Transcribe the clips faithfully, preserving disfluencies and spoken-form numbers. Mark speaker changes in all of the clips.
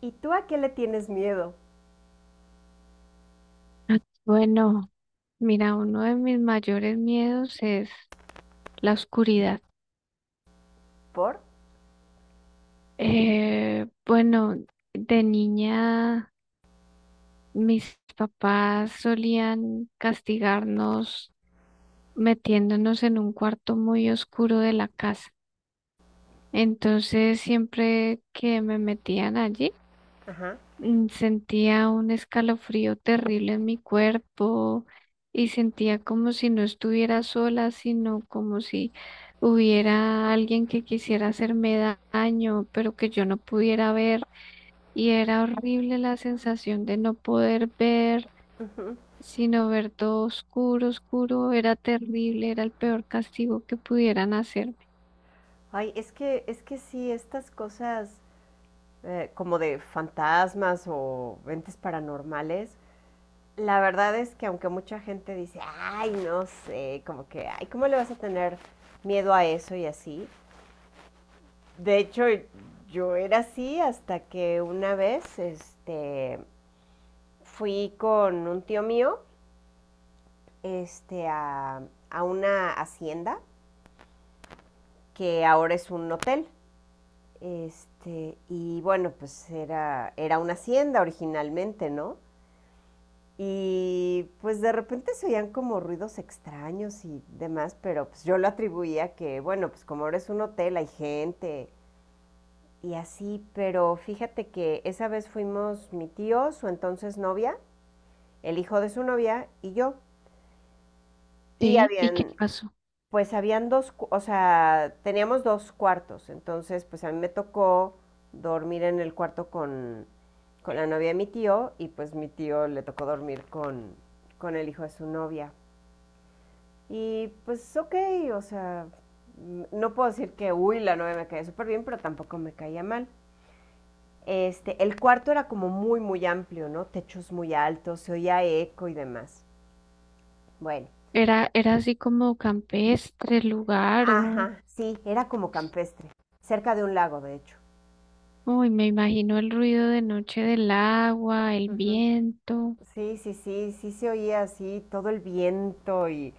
Speaker 1: ¿Y tú a qué le tienes miedo?
Speaker 2: Ah, Bueno, Mira, uno de mis mayores miedos es la oscuridad.
Speaker 1: ¿Por?
Speaker 2: Eh, bueno, de niña mis papás solían castigarnos metiéndonos en un cuarto muy oscuro de la casa. Entonces, siempre que me metían allí,
Speaker 1: Ajá.
Speaker 2: mm, sentía un escalofrío terrible en mi cuerpo y sentía como si no estuviera sola, sino como si hubiera alguien que quisiera hacerme da- daño, pero que yo no pudiera ver. Y era horrible la sensación de no poder ver,
Speaker 1: Ujú.
Speaker 2: sino ver todo oscuro, oscuro. Era terrible, era el peor castigo que pudieran hacerme.
Speaker 1: Ay, es que, es que sí, estas cosas eh, como de fantasmas o entes paranormales, la verdad es que aunque mucha gente dice, ay, no sé, como que, ay, ¿cómo le vas a tener miedo a eso y así? De hecho, yo era así hasta que una vez, este, fui con un tío mío, este, a, a una hacienda que ahora es un hotel. Este, y bueno, pues era, era una hacienda originalmente, ¿no? Y pues de repente se oían como ruidos extraños y demás, pero pues yo lo atribuía que, bueno, pues como ahora es un hotel, hay gente y así, pero fíjate que esa vez fuimos mi tío, su entonces novia, el hijo de su novia y yo, y
Speaker 2: Sí, ¿y qué
Speaker 1: habían
Speaker 2: pasó?
Speaker 1: pues habían dos, o sea, teníamos dos cuartos, entonces pues a mí me tocó dormir en el cuarto con, con la novia de mi tío y pues mi tío le tocó dormir con, con el hijo de su novia. Y pues ok, o sea, no puedo decir que, uy, la novia me caía súper bien, pero tampoco me caía mal. Este, el cuarto era como muy, muy amplio, ¿no? Techos muy altos, se oía eco y demás. Bueno,
Speaker 2: ¿Era, era así como campestre el lugar o...?
Speaker 1: ajá, sí, era como campestre, cerca de un lago, de hecho.
Speaker 2: Uy, me imagino el ruido de noche del agua, el
Speaker 1: Ujú.
Speaker 2: viento.
Speaker 1: Sí, sí, sí, sí se oía así todo el viento y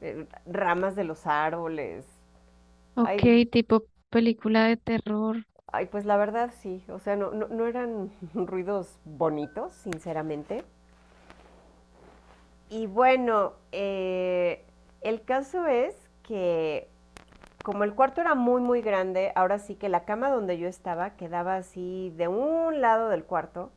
Speaker 1: eh, ramas de los árboles.
Speaker 2: Ok,
Speaker 1: Ay,
Speaker 2: tipo película de terror.
Speaker 1: ay, pues la verdad sí, o sea, no, no, no eran ruidos bonitos, sinceramente. Y bueno, eh, el caso es que como el cuarto era muy, muy grande, ahora sí que la cama donde yo estaba quedaba así de un lado del cuarto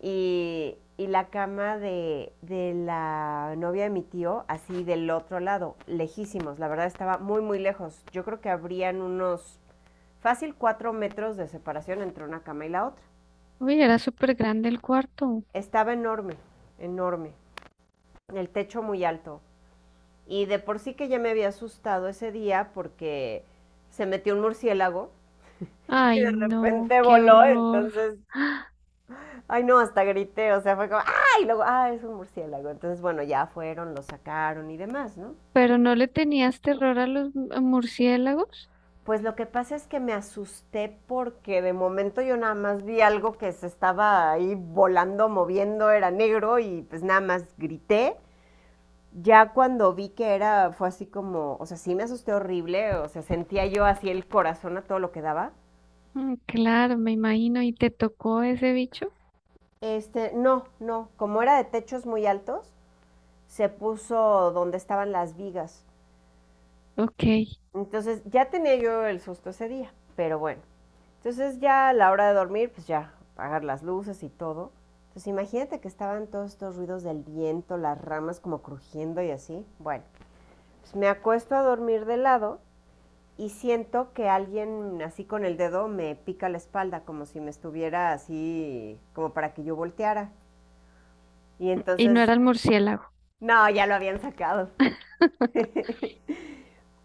Speaker 1: y, y, la cama de, de la novia de mi tío, así del otro lado, lejísimos, la verdad estaba muy, muy lejos. Yo creo que habrían unos fácil cuatro metros de separación entre una cama y la otra.
Speaker 2: Uy, era súper grande el cuarto.
Speaker 1: Estaba enorme, enorme, el techo muy alto. Y de por sí que ya me había asustado ese día porque se metió un murciélago y
Speaker 2: Ay,
Speaker 1: de
Speaker 2: no,
Speaker 1: repente
Speaker 2: qué
Speaker 1: voló.
Speaker 2: horror.
Speaker 1: Entonces,
Speaker 2: ¡Ah!
Speaker 1: ay, no, hasta grité, o sea, fue como, ay, y luego, ah, es un murciélago. Entonces, bueno, ya fueron, lo sacaron y demás, ¿no?
Speaker 2: ¿Pero no le tenías terror a los mu- murciélagos?
Speaker 1: Pues lo que pasa es que me asusté porque de momento yo nada más vi algo que se estaba ahí volando, moviendo, era negro y pues nada más grité. Ya cuando vi que era, fue así como, o sea, sí me asusté horrible, o sea, sentía yo así el corazón a todo lo que daba.
Speaker 2: Mm, claro, me imagino. ¿Y te tocó ese bicho?
Speaker 1: Este, no, no, como era de techos muy altos, se puso donde estaban las vigas.
Speaker 2: Ok.
Speaker 1: Entonces ya tenía yo el susto ese día, pero bueno. Entonces ya a la hora de dormir, pues ya, apagar las luces y todo. Entonces imagínate que estaban todos estos ruidos del viento, las ramas como crujiendo y así. Bueno, pues me acuesto a dormir de lado y siento que alguien así con el dedo me pica la espalda, como si me estuviera así, como para que yo volteara. Y
Speaker 2: Y no
Speaker 1: entonces,
Speaker 2: era el murciélago.
Speaker 1: no, ya lo habían sacado.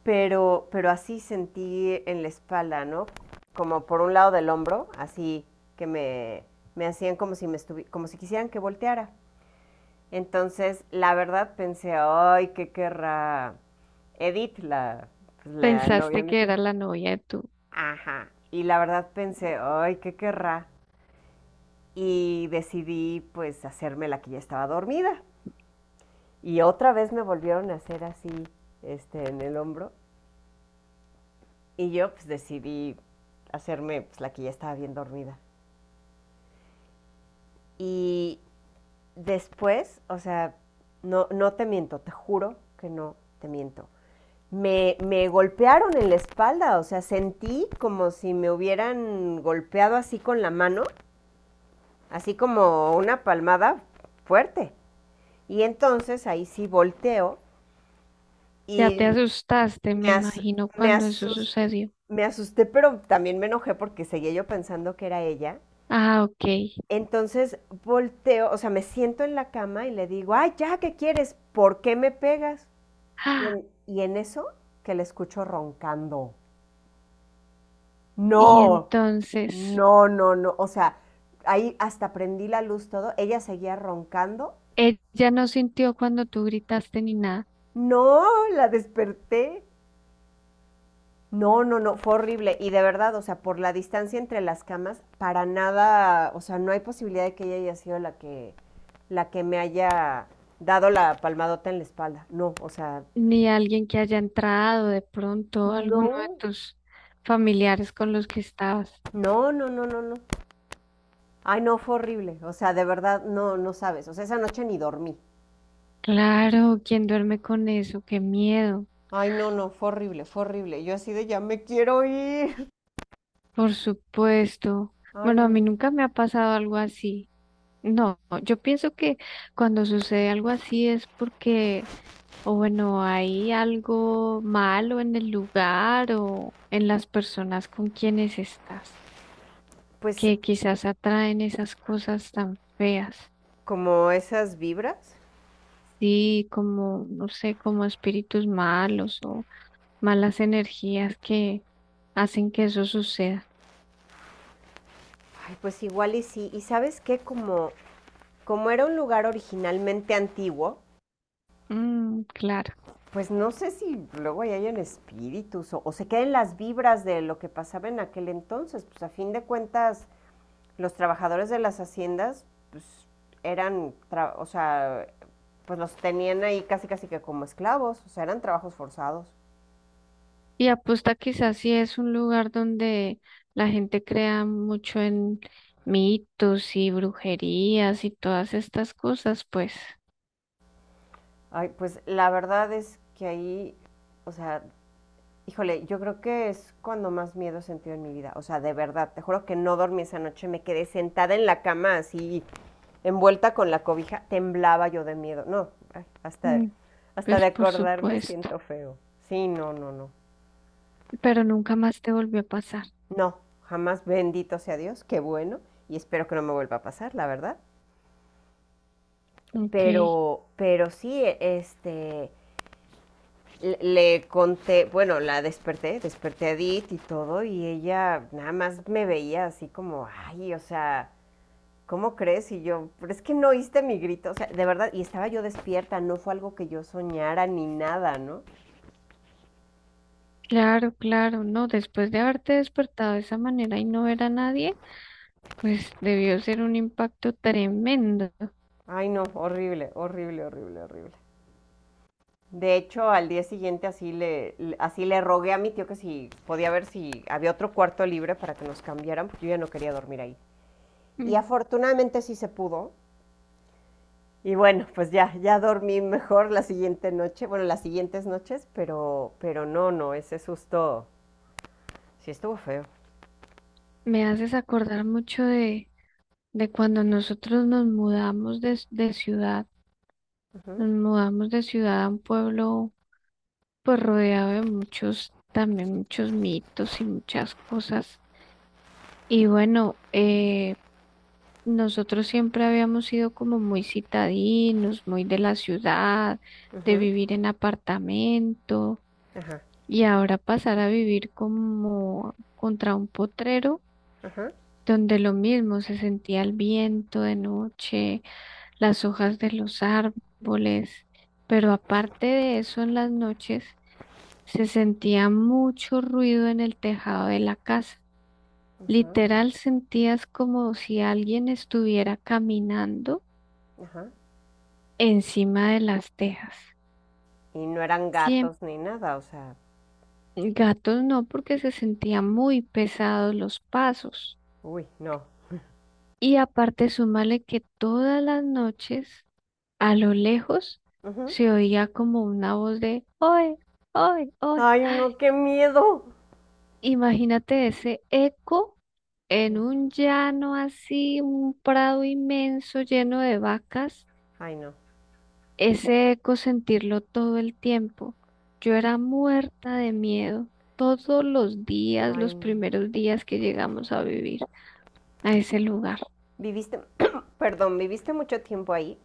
Speaker 1: pero, pero así sentí en la espalda, ¿no? Como por un lado del hombro, así que me, me, hacían como si, me estuvi- como si quisieran que volteara. Entonces, la verdad pensé, ay, ¿qué querrá Edith, la, pues, la novia
Speaker 2: Pensaste
Speaker 1: de mi
Speaker 2: que
Speaker 1: tío?
Speaker 2: era la novia de tu...
Speaker 1: Ajá. Y la verdad pensé, ay, ¿qué querrá? Y decidí, pues, hacerme la que ya estaba dormida. Y otra vez me volvieron a hacer así, este, en el hombro. Y yo pues decidí hacerme pues, la que ya estaba bien dormida. Y después, o sea, no, no te miento, te juro que no te miento. Me, me golpearon en la espalda, o sea, sentí como si me hubieran golpeado así con la mano, así como una palmada fuerte. Y entonces ahí sí volteo
Speaker 2: Ya te
Speaker 1: y
Speaker 2: asustaste,
Speaker 1: me,
Speaker 2: me
Speaker 1: as-
Speaker 2: imagino,
Speaker 1: me,
Speaker 2: cuando eso
Speaker 1: asus-
Speaker 2: sucedió.
Speaker 1: me asusté, pero también me enojé porque seguía yo pensando que era ella.
Speaker 2: Ah, ok.
Speaker 1: Entonces volteo, o sea, me siento en la cama y le digo, ay, ya, ¿qué quieres? ¿Por qué me pegas? Y
Speaker 2: Ah,
Speaker 1: en, y en eso que le escucho roncando.
Speaker 2: y
Speaker 1: No,
Speaker 2: entonces,
Speaker 1: no, no, no. O sea, ahí hasta prendí la luz todo. Ella seguía roncando.
Speaker 2: ella no sintió cuando tú gritaste ni nada,
Speaker 1: No, la desperté. No, no, no, fue horrible. Y de verdad, o sea, por la distancia entre las camas, para nada, o sea, no hay posibilidad de que ella haya sido la que, la que me haya dado la palmadota en la espalda. No, o sea,
Speaker 2: ni alguien que haya entrado de pronto, alguno de
Speaker 1: no,
Speaker 2: tus familiares con los que estabas.
Speaker 1: no, no, no, no, no. Ay, no, fue horrible. O sea, de verdad, no, no sabes. O sea, esa noche ni dormí.
Speaker 2: Claro, ¿quién duerme con eso? Qué miedo,
Speaker 1: Ay, no, no, fue horrible, fue horrible. Yo así de ya me quiero ir.
Speaker 2: por supuesto.
Speaker 1: Ay,
Speaker 2: Bueno, a mí
Speaker 1: no.
Speaker 2: nunca me ha pasado algo así. No, yo pienso que cuando sucede algo así es porque, o bueno, hay algo malo en el lugar o en las personas con quienes estás,
Speaker 1: Pues
Speaker 2: que quizás atraen esas cosas tan feas.
Speaker 1: como esas vibras.
Speaker 2: Sí, como, no sé, como espíritus malos o malas energías que hacen que eso suceda.
Speaker 1: Ay, pues igual y sí. Y sabes qué, como como era un lugar originalmente antiguo,
Speaker 2: Mm, claro.
Speaker 1: pues no sé si luego ya hayan espíritus o, o se queden las vibras de lo que pasaba en aquel entonces. Pues a fin de cuentas, los trabajadores de las haciendas, pues eran, o sea, pues los tenían ahí casi casi que como esclavos, o sea, eran trabajos forzados.
Speaker 2: Y apuesta quizás sí es un lugar donde la gente crea mucho en mitos y brujerías y todas estas cosas, pues,
Speaker 1: Ay, pues la verdad es que ahí, o sea, híjole, yo creo que es cuando más miedo he sentido en mi vida, o sea, de verdad, te juro que no dormí esa noche, me quedé sentada en la cama así envuelta con la cobija, temblaba yo de miedo. No, hasta,
Speaker 2: mm,
Speaker 1: hasta de
Speaker 2: pues por
Speaker 1: acordarme
Speaker 2: supuesto.
Speaker 1: siento feo. Sí, no, no, no.
Speaker 2: Pero nunca más te volvió a pasar.
Speaker 1: No, jamás, bendito sea Dios, qué bueno. Y espero que no me vuelva a pasar, la verdad.
Speaker 2: Ok,
Speaker 1: Pero, pero sí, este, le- le conté, bueno, la desperté, desperté, a Edith y todo, y ella nada más me veía así como, ay, o sea, ¿cómo crees? Y yo, pero es que no oíste mi grito, o sea, de verdad, y estaba yo despierta, no fue algo que yo soñara ni nada, ¿no?
Speaker 2: claro, claro. No, después de haberte despertado de esa manera y no ver a nadie, pues debió ser un impacto tremendo.
Speaker 1: Ay, no, horrible, horrible, horrible, horrible. De hecho, al día siguiente así le, así le rogué a mi tío que si podía ver si había otro cuarto libre para que nos cambiaran, porque yo ya no quería dormir ahí. Y
Speaker 2: Mm,
Speaker 1: afortunadamente sí se pudo. Y bueno, pues ya, ya, dormí mejor la siguiente noche, bueno, las siguientes noches, pero, pero no, no, ese susto sí estuvo feo.
Speaker 2: me haces acordar mucho de, de cuando nosotros nos mudamos de de ciudad.
Speaker 1: Ujú,
Speaker 2: Nos mudamos de ciudad a un pueblo pues rodeado de muchos, también muchos mitos y muchas cosas. Y bueno, eh, nosotros siempre habíamos sido como muy citadinos, muy de la ciudad, de
Speaker 1: ujú,
Speaker 2: vivir en apartamento
Speaker 1: ajá,
Speaker 2: y ahora pasar a vivir como contra un potrero,
Speaker 1: ajá,
Speaker 2: donde lo mismo se sentía el viento de noche, las hojas de los árboles, pero aparte de eso en las noches se sentía mucho ruido en el tejado de la casa.
Speaker 1: ajá,
Speaker 2: Literal sentías como si alguien estuviera caminando
Speaker 1: ajá.
Speaker 2: encima de las tejas.
Speaker 1: Y no eran
Speaker 2: Siempre.
Speaker 1: gatos ni nada, o sea,
Speaker 2: Gatos no, porque se sentían muy pesados los pasos.
Speaker 1: uy, no.
Speaker 2: Y aparte, súmale que todas las noches, a lo lejos,
Speaker 1: Ujú.
Speaker 2: se oía como una voz de, ¡Oye, oye, oye!
Speaker 1: Ay, no, qué miedo.
Speaker 2: Imagínate ese eco en un llano así, un prado inmenso lleno de vacas,
Speaker 1: Ay, no.
Speaker 2: ese eco sentirlo todo el tiempo. Yo era muerta de miedo todos los días,
Speaker 1: Ay,
Speaker 2: los
Speaker 1: no.
Speaker 2: primeros días que llegamos a vivir a ese lugar.
Speaker 1: ¿Viviste, perdón, viviste mucho tiempo ahí?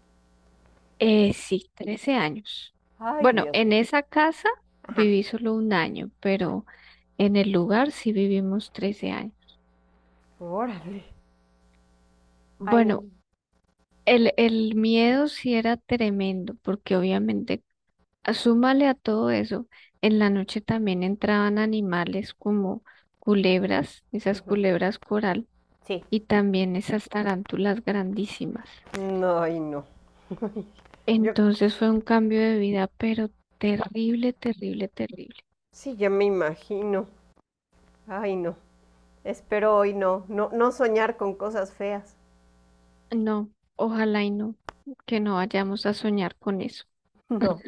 Speaker 2: Eh, sí, trece años.
Speaker 1: Ay,
Speaker 2: Bueno,
Speaker 1: Dios
Speaker 2: en
Speaker 1: mío.
Speaker 2: esa casa
Speaker 1: Ajá.
Speaker 2: viví solo un año,
Speaker 1: Ah,
Speaker 2: pero en el lugar sí vivimos trece años.
Speaker 1: órale. Ay, no.
Speaker 2: Bueno, El, el miedo sí era tremendo, porque obviamente, a- súmale a todo eso, en la noche también entraban animales como culebras, esas
Speaker 1: Ujú,
Speaker 2: culebras coral,
Speaker 1: sí.
Speaker 2: y también esas tarántulas grandísimas.
Speaker 1: No, ay, no. Yo
Speaker 2: Entonces fue un cambio de vida, pero terrible, terrible, terrible.
Speaker 1: sí, ya me imagino. Ay, no. Espero hoy no, no, no soñar con cosas feas.
Speaker 2: No, ojalá y no, que no vayamos a soñar con eso.
Speaker 1: No.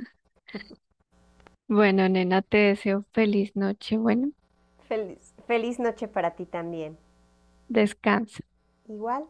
Speaker 2: Bueno, nena, te deseo feliz noche. Bueno,
Speaker 1: Feliz, feliz noche para ti también.
Speaker 2: descansa.
Speaker 1: Igual.